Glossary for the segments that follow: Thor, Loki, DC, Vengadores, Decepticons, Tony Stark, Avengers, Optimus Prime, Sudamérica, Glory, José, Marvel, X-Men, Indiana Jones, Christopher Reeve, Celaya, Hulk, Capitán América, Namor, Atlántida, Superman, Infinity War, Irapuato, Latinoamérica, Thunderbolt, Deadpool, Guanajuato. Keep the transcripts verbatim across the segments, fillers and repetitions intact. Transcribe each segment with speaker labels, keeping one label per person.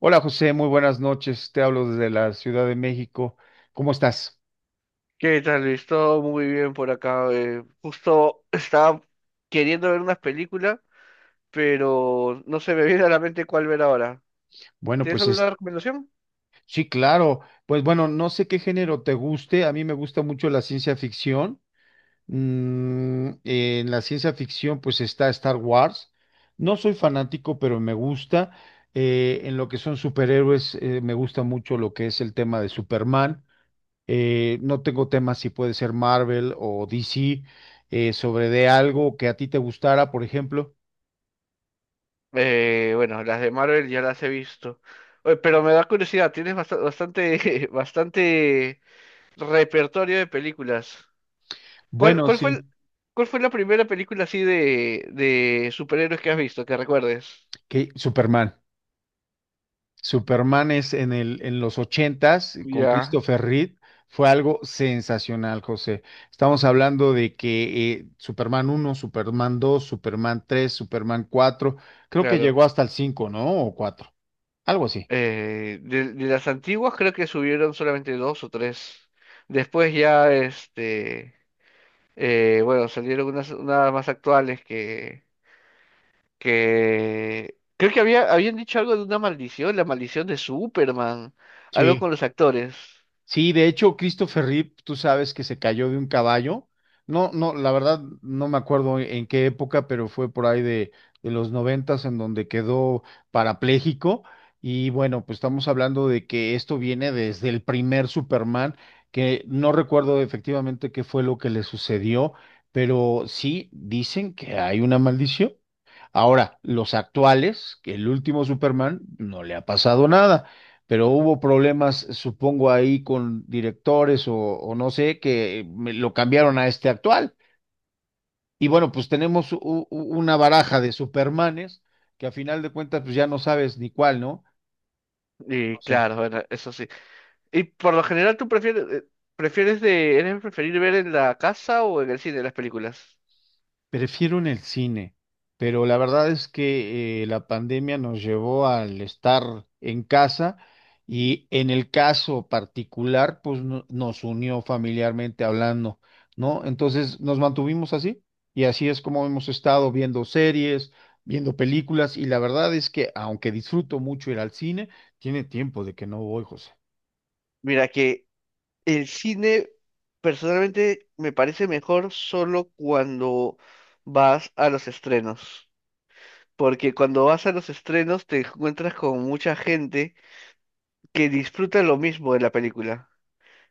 Speaker 1: Hola José, muy buenas noches. Te hablo desde la Ciudad de México. ¿Cómo estás?
Speaker 2: ¿Qué tal, Luis? Todo muy bien por acá. Eh, justo estaba queriendo ver unas películas, pero no se me viene a la mente cuál ver ahora.
Speaker 1: Bueno,
Speaker 2: ¿Tienes
Speaker 1: pues es-
Speaker 2: alguna recomendación?
Speaker 1: sí, claro. Pues bueno, no sé qué género te guste. A mí me gusta mucho la ciencia ficción. Mm, en la ciencia ficción pues está Star Wars. No soy fanático, pero me gusta. Eh, en lo que son superhéroes, eh, me gusta mucho lo que es el tema de Superman. Eh, no tengo temas si puede ser Marvel o D C, eh, sobre de algo que a ti te gustara, por ejemplo.
Speaker 2: Eh, bueno, las de Marvel ya las he visto. Oye, pero me da curiosidad, tienes bast- bastante, bastante repertorio de películas. ¿Cuál,
Speaker 1: Bueno,
Speaker 2: cuál fue
Speaker 1: sí,
Speaker 2: el- ¿Cuál fue la primera película así de, de superhéroes que has visto, que recuerdes?
Speaker 1: que Superman. Superman es en el, en los ochentas eh, con
Speaker 2: Ya,
Speaker 1: Christopher Reeve. Fue algo sensacional, José. Estamos hablando de que eh, Superman uno Superman dos Superman tres Superman cuatro creo que
Speaker 2: claro.
Speaker 1: llegó hasta el cinco, ¿no? O cuatro algo así.
Speaker 2: Eh, de, de las antiguas creo que subieron solamente dos o tres. Después ya, este, eh, bueno, salieron unas, unas más actuales que, que creo que había, habían dicho algo de una maldición, la maldición de Superman, algo con
Speaker 1: Sí.
Speaker 2: los actores.
Speaker 1: Sí, de hecho, Christopher Reeve, tú sabes que se cayó de un caballo. No, no, la verdad no me acuerdo en qué época, pero fue por ahí de, de los noventas en donde quedó parapléjico. Y bueno, pues estamos hablando de que esto viene desde el primer Superman, que no recuerdo efectivamente qué fue lo que le sucedió, pero sí dicen que hay una maldición. Ahora, los actuales, que el último Superman no le ha pasado nada, pero hubo problemas, supongo, ahí con directores o, o no sé, que me- lo cambiaron a este actual. Y bueno, pues tenemos u- u- una baraja de Supermanes que a final de cuentas pues ya no sabes ni cuál, ¿no?
Speaker 2: Y
Speaker 1: No sé.
Speaker 2: claro, bueno, eso sí. Y por lo general, ¿tú prefieres, eh, ¿prefieres de, eres preferir ver en la casa o en el cine las películas?
Speaker 1: Prefiero en el cine, pero la verdad es que eh, la pandemia nos llevó al estar en casa y en el caso particular, pues no- nos unió familiarmente hablando, ¿no? Entonces nos mantuvimos así y así es como hemos estado viendo series, viendo películas y la verdad es que aunque disfruto mucho ir al cine, tiene tiempo de que no voy, José.
Speaker 2: Mira que el cine personalmente me parece mejor solo cuando vas a los estrenos, porque cuando vas a los estrenos te encuentras con mucha gente que disfruta lo mismo de la película,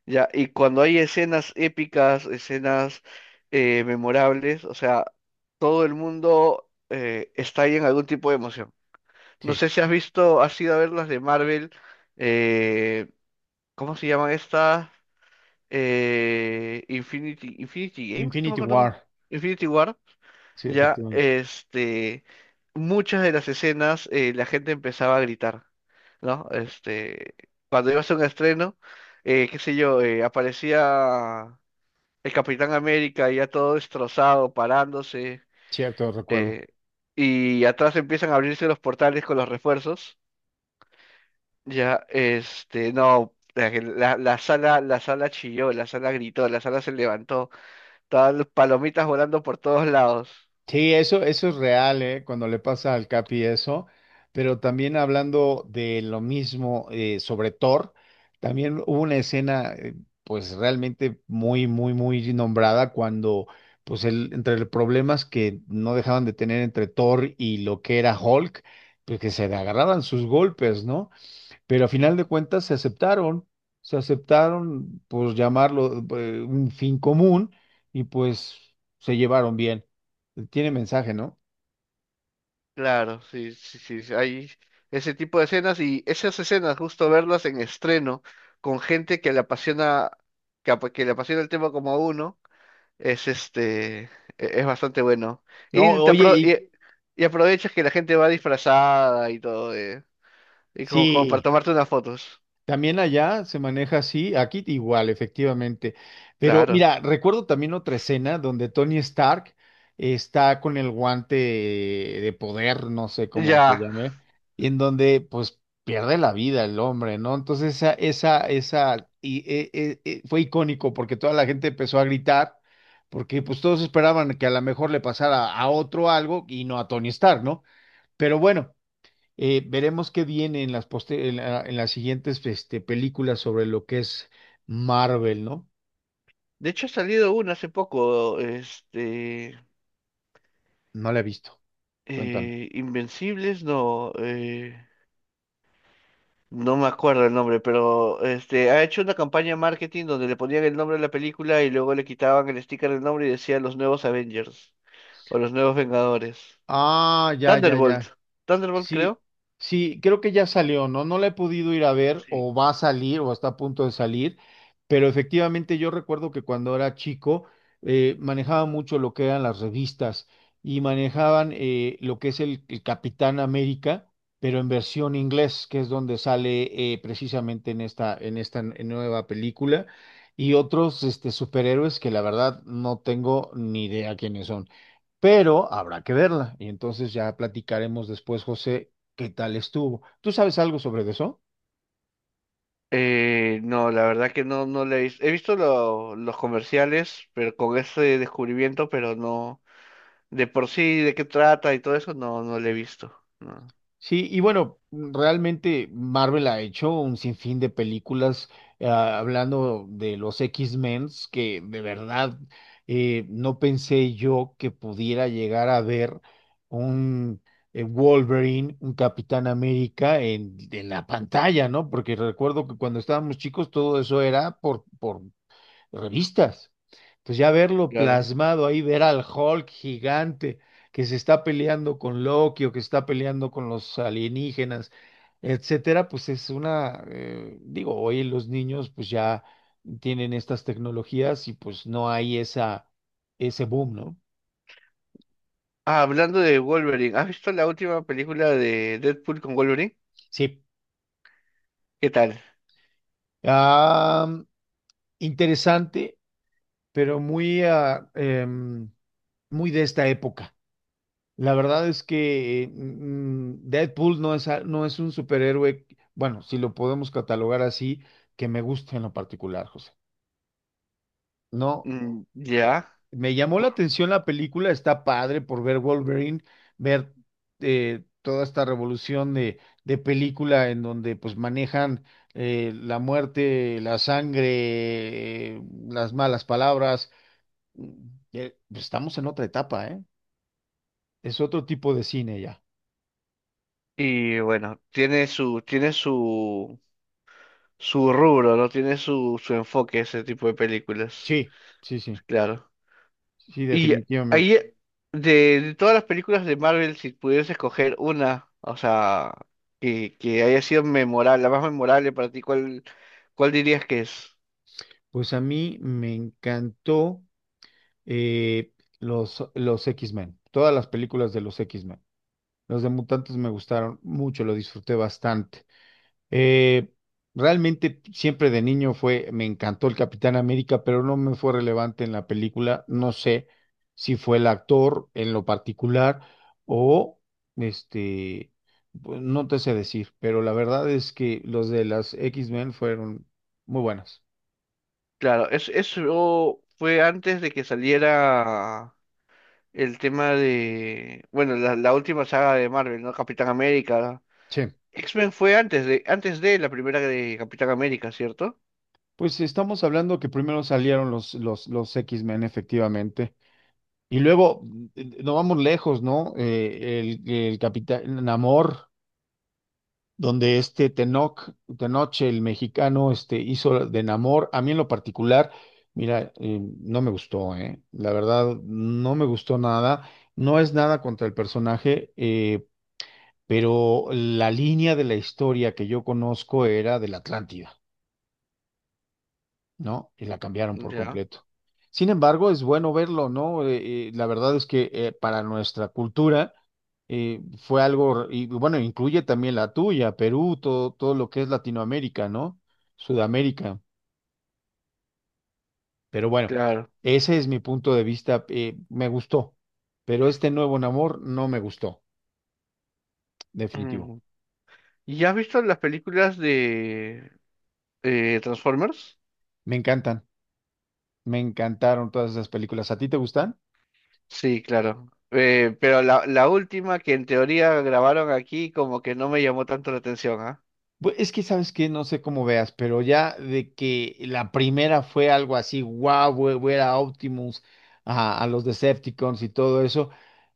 Speaker 2: ¿ya? Y cuando hay escenas épicas, escenas eh, memorables, o sea, todo el mundo eh, está ahí en algún tipo de emoción. No
Speaker 1: Sí.
Speaker 2: sé si has visto, has ido a ver las de Marvel, eh, ¿cómo se llaman estas? eh, Infinity, Infinity Game, no me
Speaker 1: Infinity
Speaker 2: acuerdo.
Speaker 1: War,
Speaker 2: Infinity War,
Speaker 1: sí,
Speaker 2: ya,
Speaker 1: efectivamente,
Speaker 2: este, muchas de las escenas eh, la gente empezaba a gritar, ¿no? Este, cuando iba a hacer un estreno, eh, qué sé yo, eh, aparecía el Capitán América ya todo destrozado, parándose,
Speaker 1: cierto, recuerdo.
Speaker 2: eh, y atrás empiezan a abrirse los portales con los refuerzos, ya, este, no, la, la la sala, la sala chilló, la sala gritó, la sala se levantó. Estaban palomitas volando por todos lados.
Speaker 1: Sí, eso, eso es real, ¿eh? Cuando le pasa al Capi eso, pero también hablando de lo mismo eh, sobre Thor, también hubo una escena eh, pues realmente muy, muy, muy nombrada cuando pues el, entre los problemas que no dejaban de tener entre Thor y lo que era Hulk, pues que se agarraban sus golpes, ¿no? Pero a
Speaker 2: Sí,
Speaker 1: final de cuentas se aceptaron, se aceptaron, pues llamarlo eh, un fin común y pues se llevaron bien. Tiene mensaje, ¿no?
Speaker 2: claro, sí, sí, sí. Sí, hay ese tipo de escenas y esas escenas, justo verlas en estreno con gente que le apasiona, que, apa- que le apasiona el tema como a uno, es este, e- es bastante bueno.
Speaker 1: No,
Speaker 2: Y, te
Speaker 1: oye,
Speaker 2: apro-
Speaker 1: y
Speaker 2: y, y aprovechas que la gente va disfrazada y todo, eh, y como, como para
Speaker 1: sí.
Speaker 2: tomarte unas fotos.
Speaker 1: También allá se maneja así, aquí igual, efectivamente. Pero
Speaker 2: Claro.
Speaker 1: mira, recuerdo también otra escena donde Tony Stark está con el guante de poder, no sé cómo se
Speaker 2: Ya.
Speaker 1: llame, y en donde pues pierde la vida el hombre, ¿no? Entonces esa, esa, esa, y, eh, eh, eh, fue icónico porque toda la gente empezó a gritar, porque pues todos esperaban que a lo mejor le pasara a otro algo y no a Tony Stark, ¿no? Pero bueno. Eh, veremos qué viene en las, poste- en la- en las siguientes este, películas sobre lo que es Marvel, ¿no?
Speaker 2: De hecho, ha salido una hace poco, este,
Speaker 1: No la he visto. Cuéntame.
Speaker 2: eh, Invencibles, no. eh, No me acuerdo el nombre, pero este ha hecho una campaña de marketing donde le ponían el nombre de la película y luego le quitaban el sticker del nombre y decía los nuevos Avengers o los nuevos Vengadores.
Speaker 1: Ah, ya, ya, ya.
Speaker 2: Thunderbolt. Thunderbolt
Speaker 1: Sí,
Speaker 2: creo.
Speaker 1: sí, creo que ya salió, ¿no? No la he podido ir a ver
Speaker 2: Sí.
Speaker 1: o va a salir o está a punto de salir, pero efectivamente yo recuerdo que cuando era chico eh, manejaba mucho lo que eran las revistas y manejaban eh, lo que es el, el Capitán América, pero en versión inglés, que es donde sale eh, precisamente en esta, en esta nueva película, y otros este, superhéroes que la verdad no tengo ni idea quiénes son pero habrá que verla y entonces ya platicaremos después, José, qué tal estuvo. ¿Tú sabes algo sobre eso?
Speaker 2: Eh, no, la verdad que no, no le he visto. He visto lo- los comerciales, pero con ese descubrimiento, pero no, de por sí, de qué trata y todo eso, no, no le he visto. No,
Speaker 1: Sí, y bueno, mm, realmente Marvel ha hecho un sinfín de películas eh, hablando de los X-Men que de verdad eh, no pensé yo que pudiera llegar a ver un eh, Wolverine, un Capitán América en, en la pantalla, ¿no? Porque recuerdo que cuando estábamos chicos todo eso era por, por revistas. Entonces ya verlo
Speaker 2: claro.
Speaker 1: plasmado ahí, ver al Hulk gigante que se está peleando con Loki o que está peleando con los alienígenas, etcétera, pues es una, eh, digo, hoy los niños pues ya tienen estas tecnologías y pues no hay esa, ese boom, ¿no?
Speaker 2: Ah, hablando de Wolverine, ¿has visto la última película de Deadpool con Wolverine?
Speaker 1: Sí.
Speaker 2: ¿Qué tal?
Speaker 1: Ah, interesante, pero muy, ah, em, muy de esta época. La verdad es que eh, mm, Deadpool no es, a- no es un superhéroe, bueno, si lo podemos catalogar así, que me gusta en lo particular, José. No,
Speaker 2: Mm, ya,
Speaker 1: me llamó la atención la película, está padre por ver Wolverine, ver eh, toda esta revolución de, de película en donde pues manejan eh, la muerte, la sangre, eh, las malas palabras. Mm, eh, pues, estamos en otra etapa, ¿eh? Es otro tipo de cine ya.
Speaker 2: y bueno, tiene su, tiene su, su rubro, ¿no? Tiene su, su enfoque ese tipo de películas,
Speaker 1: Sí, sí, sí.
Speaker 2: claro.
Speaker 1: Sí,
Speaker 2: Y
Speaker 1: definitivamente.
Speaker 2: ahí, de, de todas las películas de Marvel, si pudieras escoger una, o sea, que, que haya sido memorable, la más memorable para ti, ¿cuál, ¿cuál dirías que es?
Speaker 1: Pues a mí me encantó eh, los, los X-Men, todas las películas de los X-Men. Los de Mutantes me gustaron mucho, lo disfruté bastante. Eh, Realmente siempre de niño fue, me encantó el Capitán América, pero no me fue relevante en la película. No sé si fue el actor en lo particular o este, pues, no te sé decir, pero la verdad es que los de las X-Men fueron muy buenas.
Speaker 2: Claro, es, eso fue antes de que saliera el tema de, bueno, la, la última saga de Marvel, ¿no? Capitán América.
Speaker 1: Sí.
Speaker 2: X-Men fue antes de, antes de la primera de Capitán América, ¿cierto?
Speaker 1: Pues estamos hablando que primero salieron los, los, los X-Men, efectivamente. Y luego, mm, no vamos lejos, ¿no? Eh, el, el Capitán Namor, donde este Tenoch, Tenoche, el mexicano, este, hizo de Namor. A mí en lo particular, mira, eh, no me gustó, ¿eh? La verdad, no me gustó nada. No es nada contra el personaje, eh, pero la línea de la historia que yo conozco era de la Atlántida. ¿No? Y la cambiaron por
Speaker 2: Ya,
Speaker 1: completo. Sin embargo, es bueno verlo, ¿no? Eh, eh, la verdad es que eh, para nuestra cultura eh, fue algo, y bueno, incluye también la tuya, Perú, todo, todo lo que es Latinoamérica, ¿no? Sudamérica. Pero bueno,
Speaker 2: claro.
Speaker 1: ese es mi punto de vista. Eh, me gustó, pero este nuevo Namor no me gustó, definitivo.
Speaker 2: Mm. ¿Y has visto las películas de eh, Transformers?
Speaker 1: Me encantan, me encantaron todas esas películas. ¿A ti te gustan?
Speaker 2: Sí, claro. Eh, pero la, la última que en teoría grabaron aquí como que no me llamó tanto la atención, ¿ah?
Speaker 1: Bu- Es que sabes que no sé cómo veas, pero ya de que la primera fue algo así, guau, wow, era Optimus a, a los Decepticons y todo eso,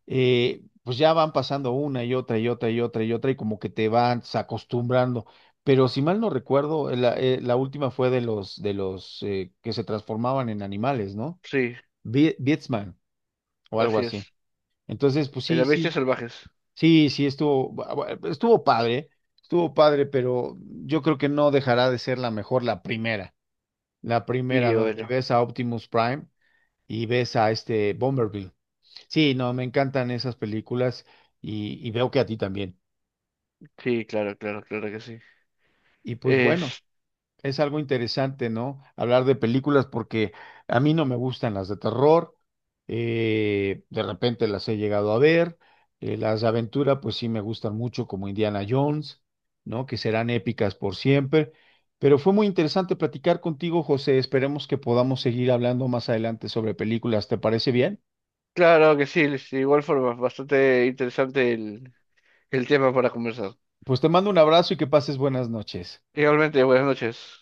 Speaker 1: eh, pues ya van pasando una y otra y otra y otra y otra y como que te vas acostumbrando. Pero si mal no recuerdo, eh, la, eh, la última fue de los de los eh, que se transformaban en animales, ¿no?
Speaker 2: Sí,
Speaker 1: Bi- Beastman o algo
Speaker 2: así
Speaker 1: así.
Speaker 2: es.
Speaker 1: Entonces, pues
Speaker 2: En
Speaker 1: sí,
Speaker 2: las bestias
Speaker 1: sí.
Speaker 2: salvajes.
Speaker 1: Sí, sí, estuvo, bu- bu- eh, estuvo padre, estuvo padre, pero yo creo que no dejará de ser la mejor la primera, la primera
Speaker 2: Y
Speaker 1: donde
Speaker 2: bueno,
Speaker 1: ves a Optimus Prime y ves a este Bomberville. Sí, no, me encantan esas películas y, y veo que a ti también.
Speaker 2: sí, claro, claro, claro que sí.
Speaker 1: Y pues bueno.
Speaker 2: Es,
Speaker 1: Es algo interesante, ¿no? Hablar de películas porque a mí no me gustan las de terror. Eh, de repente las he llegado a ver. Eh, las de aventura, pues sí me gustan mucho, como Indiana Jones, ¿no? Que serán épicas por siempre. Pero fue muy interesante platicar contigo, José. Esperemos que podamos seguir hablando más adelante sobre películas. ¿Te parece bien?
Speaker 2: claro que sí, es igual forma, bastante interesante el, el tema para conversar.
Speaker 1: Pues te mando un abrazo y que pases buenas noches.
Speaker 2: Igualmente, buenas noches.